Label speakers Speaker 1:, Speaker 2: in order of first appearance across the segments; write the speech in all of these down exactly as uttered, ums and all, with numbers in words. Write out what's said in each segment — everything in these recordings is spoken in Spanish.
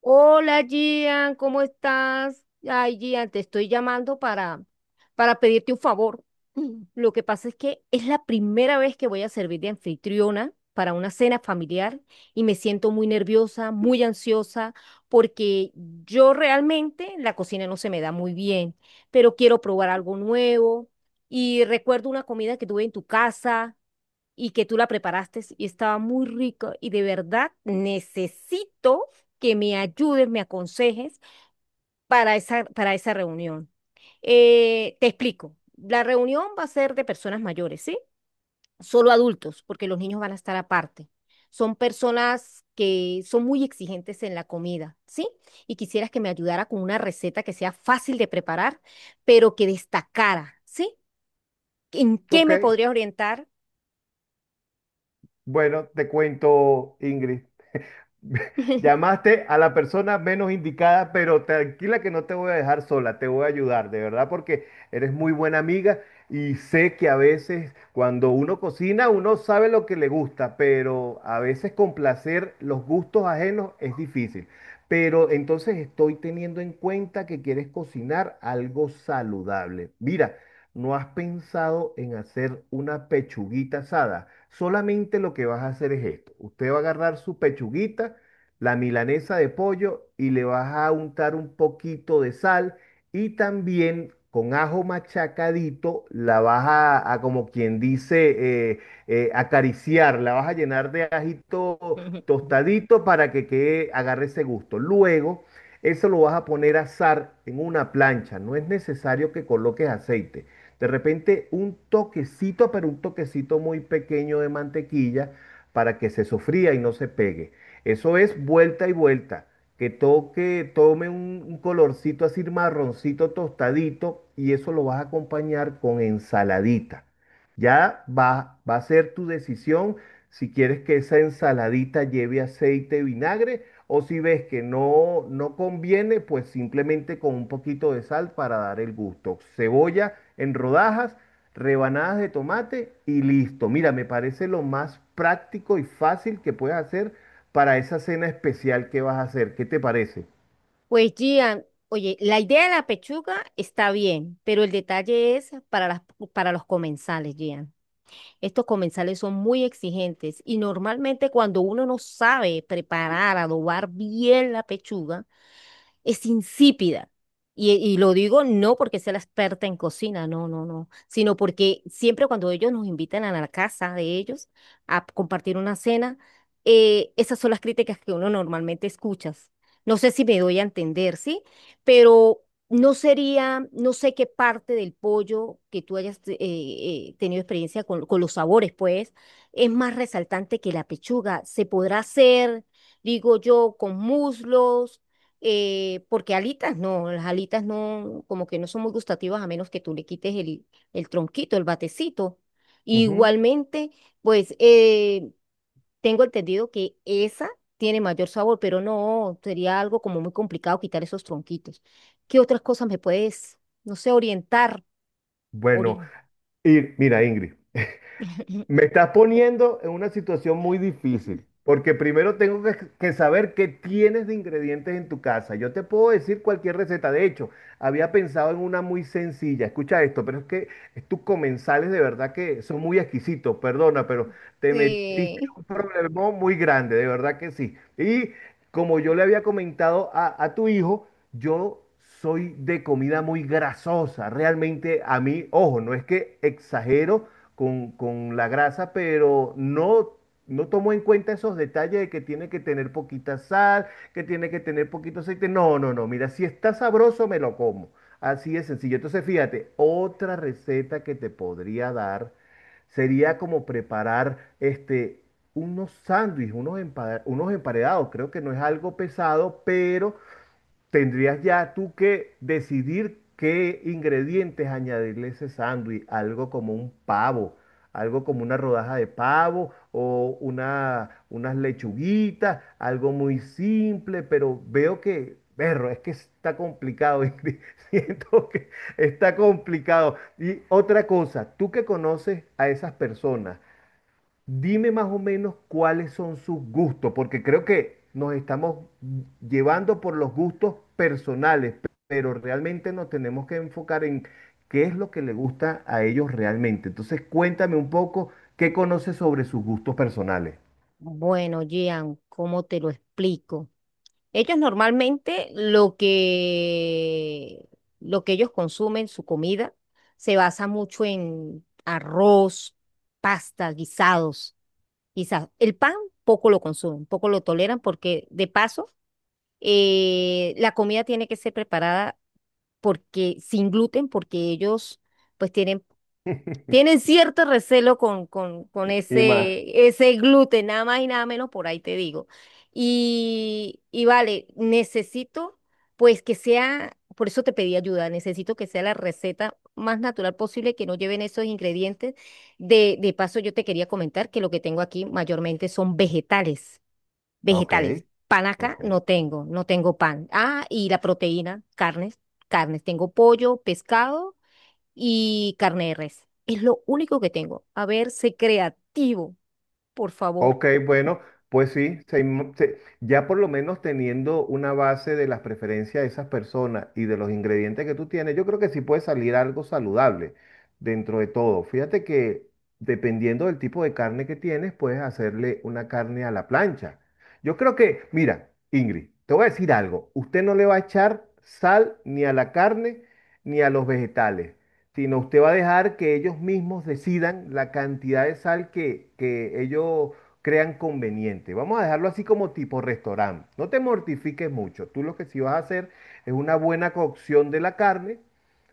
Speaker 1: Hola Gian, ¿cómo estás? Ay, Gian, te estoy llamando para, para pedirte un favor. Lo que pasa es que es la primera vez que voy a servir de anfitriona para una cena familiar y me siento muy nerviosa, muy ansiosa, porque yo realmente la cocina no se me da muy bien, pero quiero probar algo nuevo y recuerdo una comida que tuve en tu casa y que tú la preparaste y estaba muy rico y de verdad necesito que me ayudes, me aconsejes para esa, para esa reunión. Eh, te explico, la reunión va a ser de personas mayores, ¿sí? Solo adultos, porque los niños van a estar aparte. Son personas que son muy exigentes en la comida, ¿sí? Y quisieras que me ayudara con una receta que sea fácil de preparar, pero que destacara, ¿sí? ¿En qué
Speaker 2: Ok,
Speaker 1: me podrías orientar?
Speaker 2: bueno, te cuento, Ingrid. Llamaste a la persona menos indicada, pero tranquila que no te voy a dejar sola, te voy a ayudar, de verdad, porque eres muy buena amiga y sé que a veces cuando uno cocina, uno sabe lo que le gusta, pero a veces complacer los gustos ajenos es difícil. Pero entonces estoy teniendo en cuenta que quieres cocinar algo saludable. Mira. ¿No has pensado en hacer una pechuguita asada? Solamente lo que vas a hacer es esto. Usted va a agarrar su pechuguita, la milanesa de pollo y le vas a untar un poquito de sal y también con ajo machacadito la vas a, a como quien dice, eh, eh, acariciar, la vas a llenar de ajito tostadito para que quede, agarre ese gusto. Luego, eso lo vas a poner a asar en una plancha. No es necesario que coloques aceite. De repente un toquecito, pero un toquecito muy pequeño de mantequilla para que se sofría y no se pegue. Eso es vuelta y vuelta. Que toque, tome un, un colorcito así marroncito tostadito y eso lo vas a acompañar con ensaladita. Ya va, va a ser tu decisión si quieres que esa ensaladita lleve aceite y vinagre, o si ves que no, no conviene, pues simplemente con un poquito de sal para dar el gusto. Cebolla en rodajas, rebanadas de tomate y listo. Mira, me parece lo más práctico y fácil que puedes hacer para esa cena especial que vas a hacer. ¿Qué te parece?
Speaker 1: Pues Gian, oye, la idea de la pechuga está bien, pero el detalle es para las, para los comensales, Gian. Estos comensales son muy exigentes y normalmente cuando uno no sabe preparar, adobar bien la pechuga, es insípida. Y, y lo digo no porque sea la experta en cocina, no, no, no, sino porque siempre cuando ellos nos invitan a la casa de ellos a compartir una cena, eh, esas son las críticas que uno normalmente escucha. No sé si me doy a entender, ¿sí? Pero no sería, no sé qué parte del pollo que tú hayas eh, eh, tenido experiencia con, con los sabores, pues, es más resaltante que la pechuga. Se podrá hacer, digo yo, con muslos eh, porque alitas no, las alitas no, como que no son muy gustativas a menos que tú le quites el, el tronquito, el batecito.
Speaker 2: Ujú.
Speaker 1: Igualmente, pues eh, tengo entendido que esa tiene mayor sabor, pero no, sería algo como muy complicado quitar esos tronquitos. ¿Qué otras cosas me puedes, no sé, orientar?
Speaker 2: Bueno,
Speaker 1: Ori-
Speaker 2: y mira, Ingrid. Me estás poniendo en una situación muy difícil, porque primero tengo que, que saber qué tienes de ingredientes en tu casa. Yo te puedo decir cualquier receta. De hecho, había pensado en una muy sencilla. Escucha esto, pero es que tus comensales de verdad que son muy exquisitos. Perdona, pero te metiste en
Speaker 1: Sí.
Speaker 2: un problemón muy grande, de verdad que sí. Y como yo le había comentado a, a tu hijo, yo soy de comida muy grasosa. Realmente a mí, ojo, no es que exagero con, con la grasa, pero no, no tomo en cuenta esos detalles de que tiene que tener poquita sal, que tiene que tener poquito aceite. No, no, no. Mira, si está sabroso, me lo como. Así es sencillo. Entonces, fíjate, otra receta que te podría dar sería como preparar este, unos sándwiches, unos, empa- unos emparedados. Creo que no es algo pesado, pero tendrías ya tú que decidir qué ingredientes añadirle a ese sándwich, algo como un pavo, algo como una rodaja de pavo o una, unas lechuguitas, algo muy simple, pero veo que, perro, es que está complicado, Ingrid, siento que está complicado. Y otra cosa, tú que conoces a esas personas, dime más o menos cuáles son sus gustos, porque creo que nos estamos llevando por los gustos personales, pero realmente nos tenemos que enfocar en qué es lo que le gusta a ellos realmente. Entonces, cuéntame un poco qué conoces sobre sus gustos personales.
Speaker 1: Bueno, Gian, ¿cómo te lo explico? Ellos normalmente lo que, lo que ellos consumen, su comida, se basa mucho en arroz, pasta, guisados, quizás. El pan poco lo consumen, poco lo toleran porque de paso eh, la comida tiene que ser preparada porque sin gluten, porque ellos pues tienen tienen cierto recelo con, con, con
Speaker 2: Y más.
Speaker 1: ese, ese gluten, nada más y nada menos, por ahí te digo. Y, y vale, necesito pues que sea, por eso te pedí ayuda, necesito que sea la receta más natural posible, que no lleven esos ingredientes. De, de paso, yo te quería comentar que lo que tengo aquí mayormente son vegetales,
Speaker 2: Ok,
Speaker 1: vegetales. Pan acá
Speaker 2: ok.
Speaker 1: no tengo, no tengo pan. Ah, y la proteína, carnes, carnes. Tengo pollo, pescado y carne de res. Es lo único que tengo. A ver, sé creativo, por favor.
Speaker 2: Ok, bueno, pues sí, se inmo- se- ya por lo menos teniendo una base de las preferencias de esas personas y de los ingredientes que tú tienes, yo creo que sí puede salir algo saludable dentro de todo. Fíjate que dependiendo del tipo de carne que tienes, puedes hacerle una carne a la plancha. Yo creo que, mira, Ingrid, te voy a decir algo, usted no le va a echar sal ni a la carne ni a los vegetales sino usted va a dejar que ellos mismos decidan la cantidad de sal que, que ellos crean conveniente. Vamos a dejarlo así como tipo restaurante. No te mortifiques mucho. Tú lo que sí vas a hacer es una buena cocción de la carne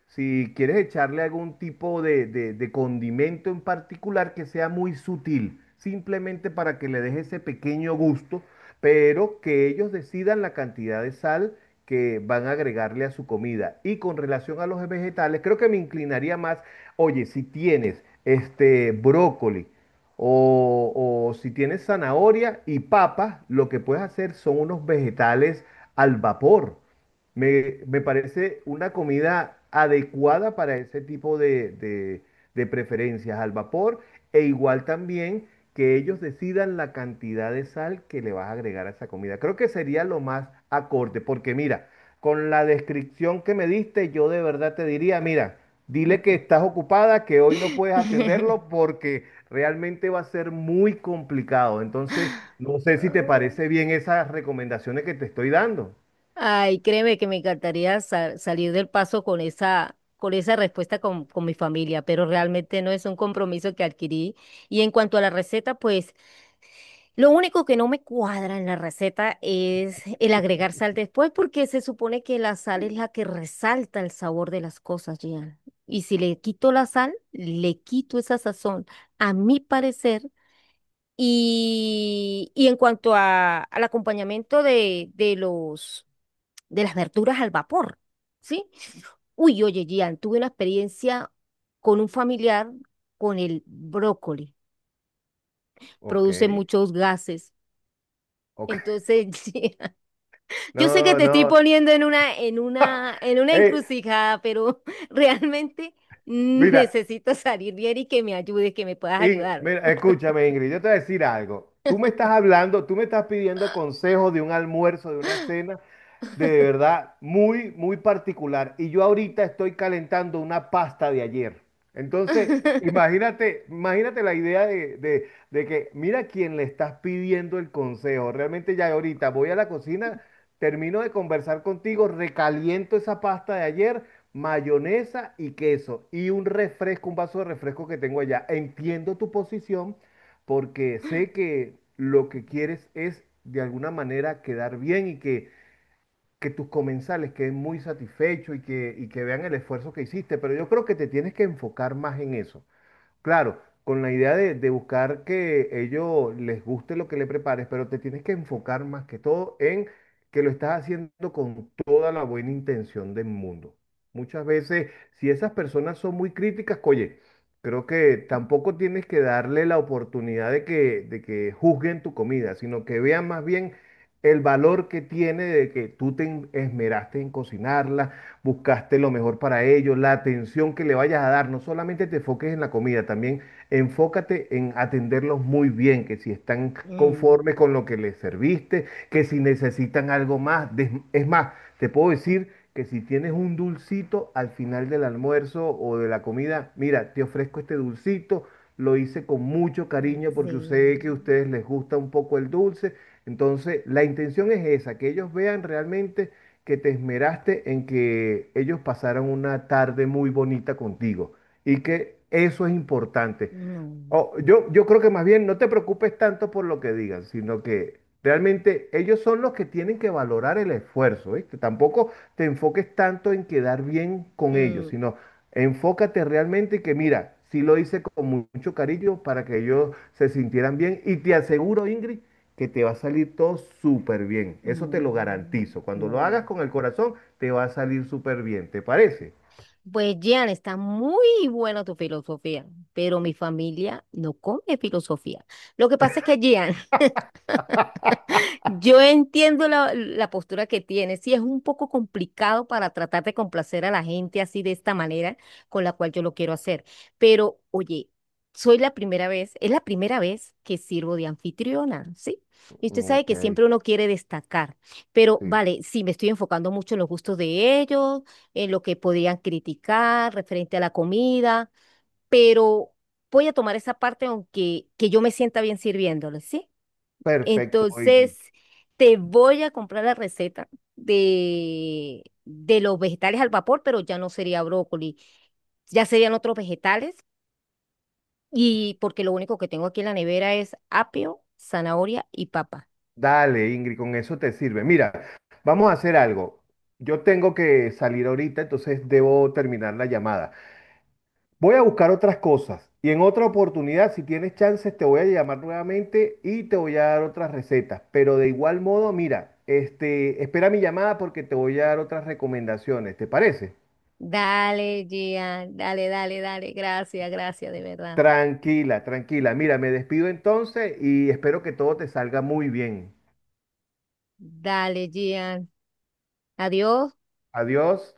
Speaker 2: si quieres echarle algún tipo de, de- de condimento en particular que sea muy sutil, simplemente para que le deje ese pequeño gusto, pero que ellos decidan la cantidad de sal que van a agregarle a su comida. Y con relación a los vegetales, creo que me inclinaría más, oye, si tienes este brócoli o, o si tienes zanahoria y papas, lo que puedes hacer son unos vegetales al vapor. Me, me parece una comida adecuada para ese tipo de, de- de preferencias al vapor e igual también que ellos decidan la cantidad de sal que le vas a agregar a esa comida. Creo que sería lo más acorde, porque mira, con la descripción que me diste, yo de verdad te diría, mira, dile que estás ocupada, que hoy no puedes atenderlo porque realmente va a ser muy complicado. Entonces, no sé si te parece bien esas recomendaciones que te estoy dando.
Speaker 1: Ay, créeme que me encantaría sa- salir del paso con esa, con esa respuesta con, con mi familia, pero realmente no es un compromiso que adquirí. Y en cuanto a la receta, pues lo único que no me cuadra en la receta es el agregar sal después, porque se supone que la sal es la que resalta el sabor de las cosas, Gian. Y si le quito la sal, le quito esa sazón, a mi parecer. Y, y en cuanto a, al acompañamiento de, de los, de las verduras al vapor, ¿sí? Uy, oye, Gian, tuve una experiencia con un familiar con el brócoli.
Speaker 2: Ok.
Speaker 1: Produce muchos gases.
Speaker 2: Ok.
Speaker 1: Entonces, yo sé que
Speaker 2: No,
Speaker 1: te estoy
Speaker 2: no.
Speaker 1: poniendo en una, en una, en una
Speaker 2: Ey,
Speaker 1: encrucijada, pero realmente
Speaker 2: mira,
Speaker 1: necesito salir bien y que me ayudes, que me puedas
Speaker 2: In-
Speaker 1: ayudar.
Speaker 2: mira, escúchame, Ingrid, yo te voy a decir algo. Tú me estás hablando, tú me estás pidiendo consejos de un almuerzo, de una cena, de verdad muy, muy particular. Y yo ahorita estoy calentando una pasta de ayer. Entonces, imagínate, imagínate la idea de, de- de que mira quién le estás pidiendo el consejo. Realmente ya ahorita voy a la cocina, termino de conversar contigo, recaliento esa pasta de ayer, mayonesa y queso y un refresco, un vaso de refresco que tengo allá. Entiendo tu posición porque sé que lo que quieres es de alguna manera quedar bien y que que tus comensales queden muy satisfechos y que, y que vean el esfuerzo que hiciste, pero yo creo que te tienes que enfocar más en eso. Claro, con la idea de, de buscar que ellos les guste lo que le prepares, pero te tienes que enfocar más que todo en que lo estás haciendo con toda la buena intención del mundo. Muchas veces, si esas personas son muy críticas, oye, creo que tampoco tienes que darle la oportunidad de que, de que juzguen tu comida, sino que vean más bien el valor que tiene de que tú te esmeraste en cocinarla, buscaste lo mejor para ellos, la atención que le vayas a dar. No solamente te enfoques en la comida, también enfócate en atenderlos muy bien, que si están conformes
Speaker 1: Mm,
Speaker 2: con lo que les serviste, que si necesitan algo más. Des- Es más, te puedo decir que si tienes un dulcito al final del almuerzo o de la comida, mira, te ofrezco este dulcito. Lo hice con mucho cariño porque sé que a
Speaker 1: sí,
Speaker 2: ustedes les gusta un poco el dulce. Entonces, la intención es esa, que ellos vean realmente que te esmeraste en que ellos pasaran una tarde muy bonita contigo y que eso es importante.
Speaker 1: no,
Speaker 2: O- yo, yo creo que más bien no te preocupes tanto por lo que digan, sino que realmente ellos son los que tienen que valorar el esfuerzo, ¿viste? Tampoco te enfoques tanto en quedar bien con ellos,
Speaker 1: mm,
Speaker 2: sino enfócate realmente que mira, sí lo hice con mu- mucho cariño para que ellos se sintieran bien y te aseguro, Ingrid, que te va a salir todo súper bien. Eso te lo
Speaker 1: mm,
Speaker 2: garantizo. Cuando lo hagas
Speaker 1: no.
Speaker 2: con el corazón, te va a salir súper bien, ¿te parece?
Speaker 1: Pues Jean, está muy buena tu filosofía, pero mi familia no come filosofía. Lo que pasa es que Jean yo entiendo la, la postura que tienes. Sí, es un poco complicado para tratar de complacer a la gente así de esta manera con la cual yo lo quiero hacer. Pero, oye, soy la primera vez, es la primera vez que sirvo de anfitriona, ¿sí? Y usted sabe
Speaker 2: Ok,
Speaker 1: que siempre uno quiere destacar. Pero,
Speaker 2: sí.
Speaker 1: vale, sí, me estoy enfocando mucho en los gustos de ellos, en lo que podían criticar referente a la comida, pero voy a tomar esa parte aunque que yo me sienta bien sirviéndoles, ¿sí?
Speaker 2: Perfecto, Ingrid.
Speaker 1: Entonces, te voy a comprar la receta de, de los vegetales al vapor, pero ya no sería brócoli, ya serían otros vegetales y porque lo único que tengo aquí en la nevera es apio, zanahoria y papa.
Speaker 2: Dale, Ingrid, con eso te sirve. Mira, vamos a hacer algo. Yo tengo que salir ahorita, entonces debo terminar la llamada. Voy a buscar otras cosas y en otra oportunidad, si tienes chances, te voy a llamar nuevamente y te voy a dar otras recetas. Pero de igual modo, mira, este, espera mi llamada porque te voy a dar otras recomendaciones. ¿Te parece?
Speaker 1: Dale, Gian, dale, dale, dale, gracias, gracias, de verdad.
Speaker 2: Tranquila, tranquila. Mira, me despido entonces y espero que todo te salga muy bien.
Speaker 1: Dale, Gian, adiós.
Speaker 2: Adiós.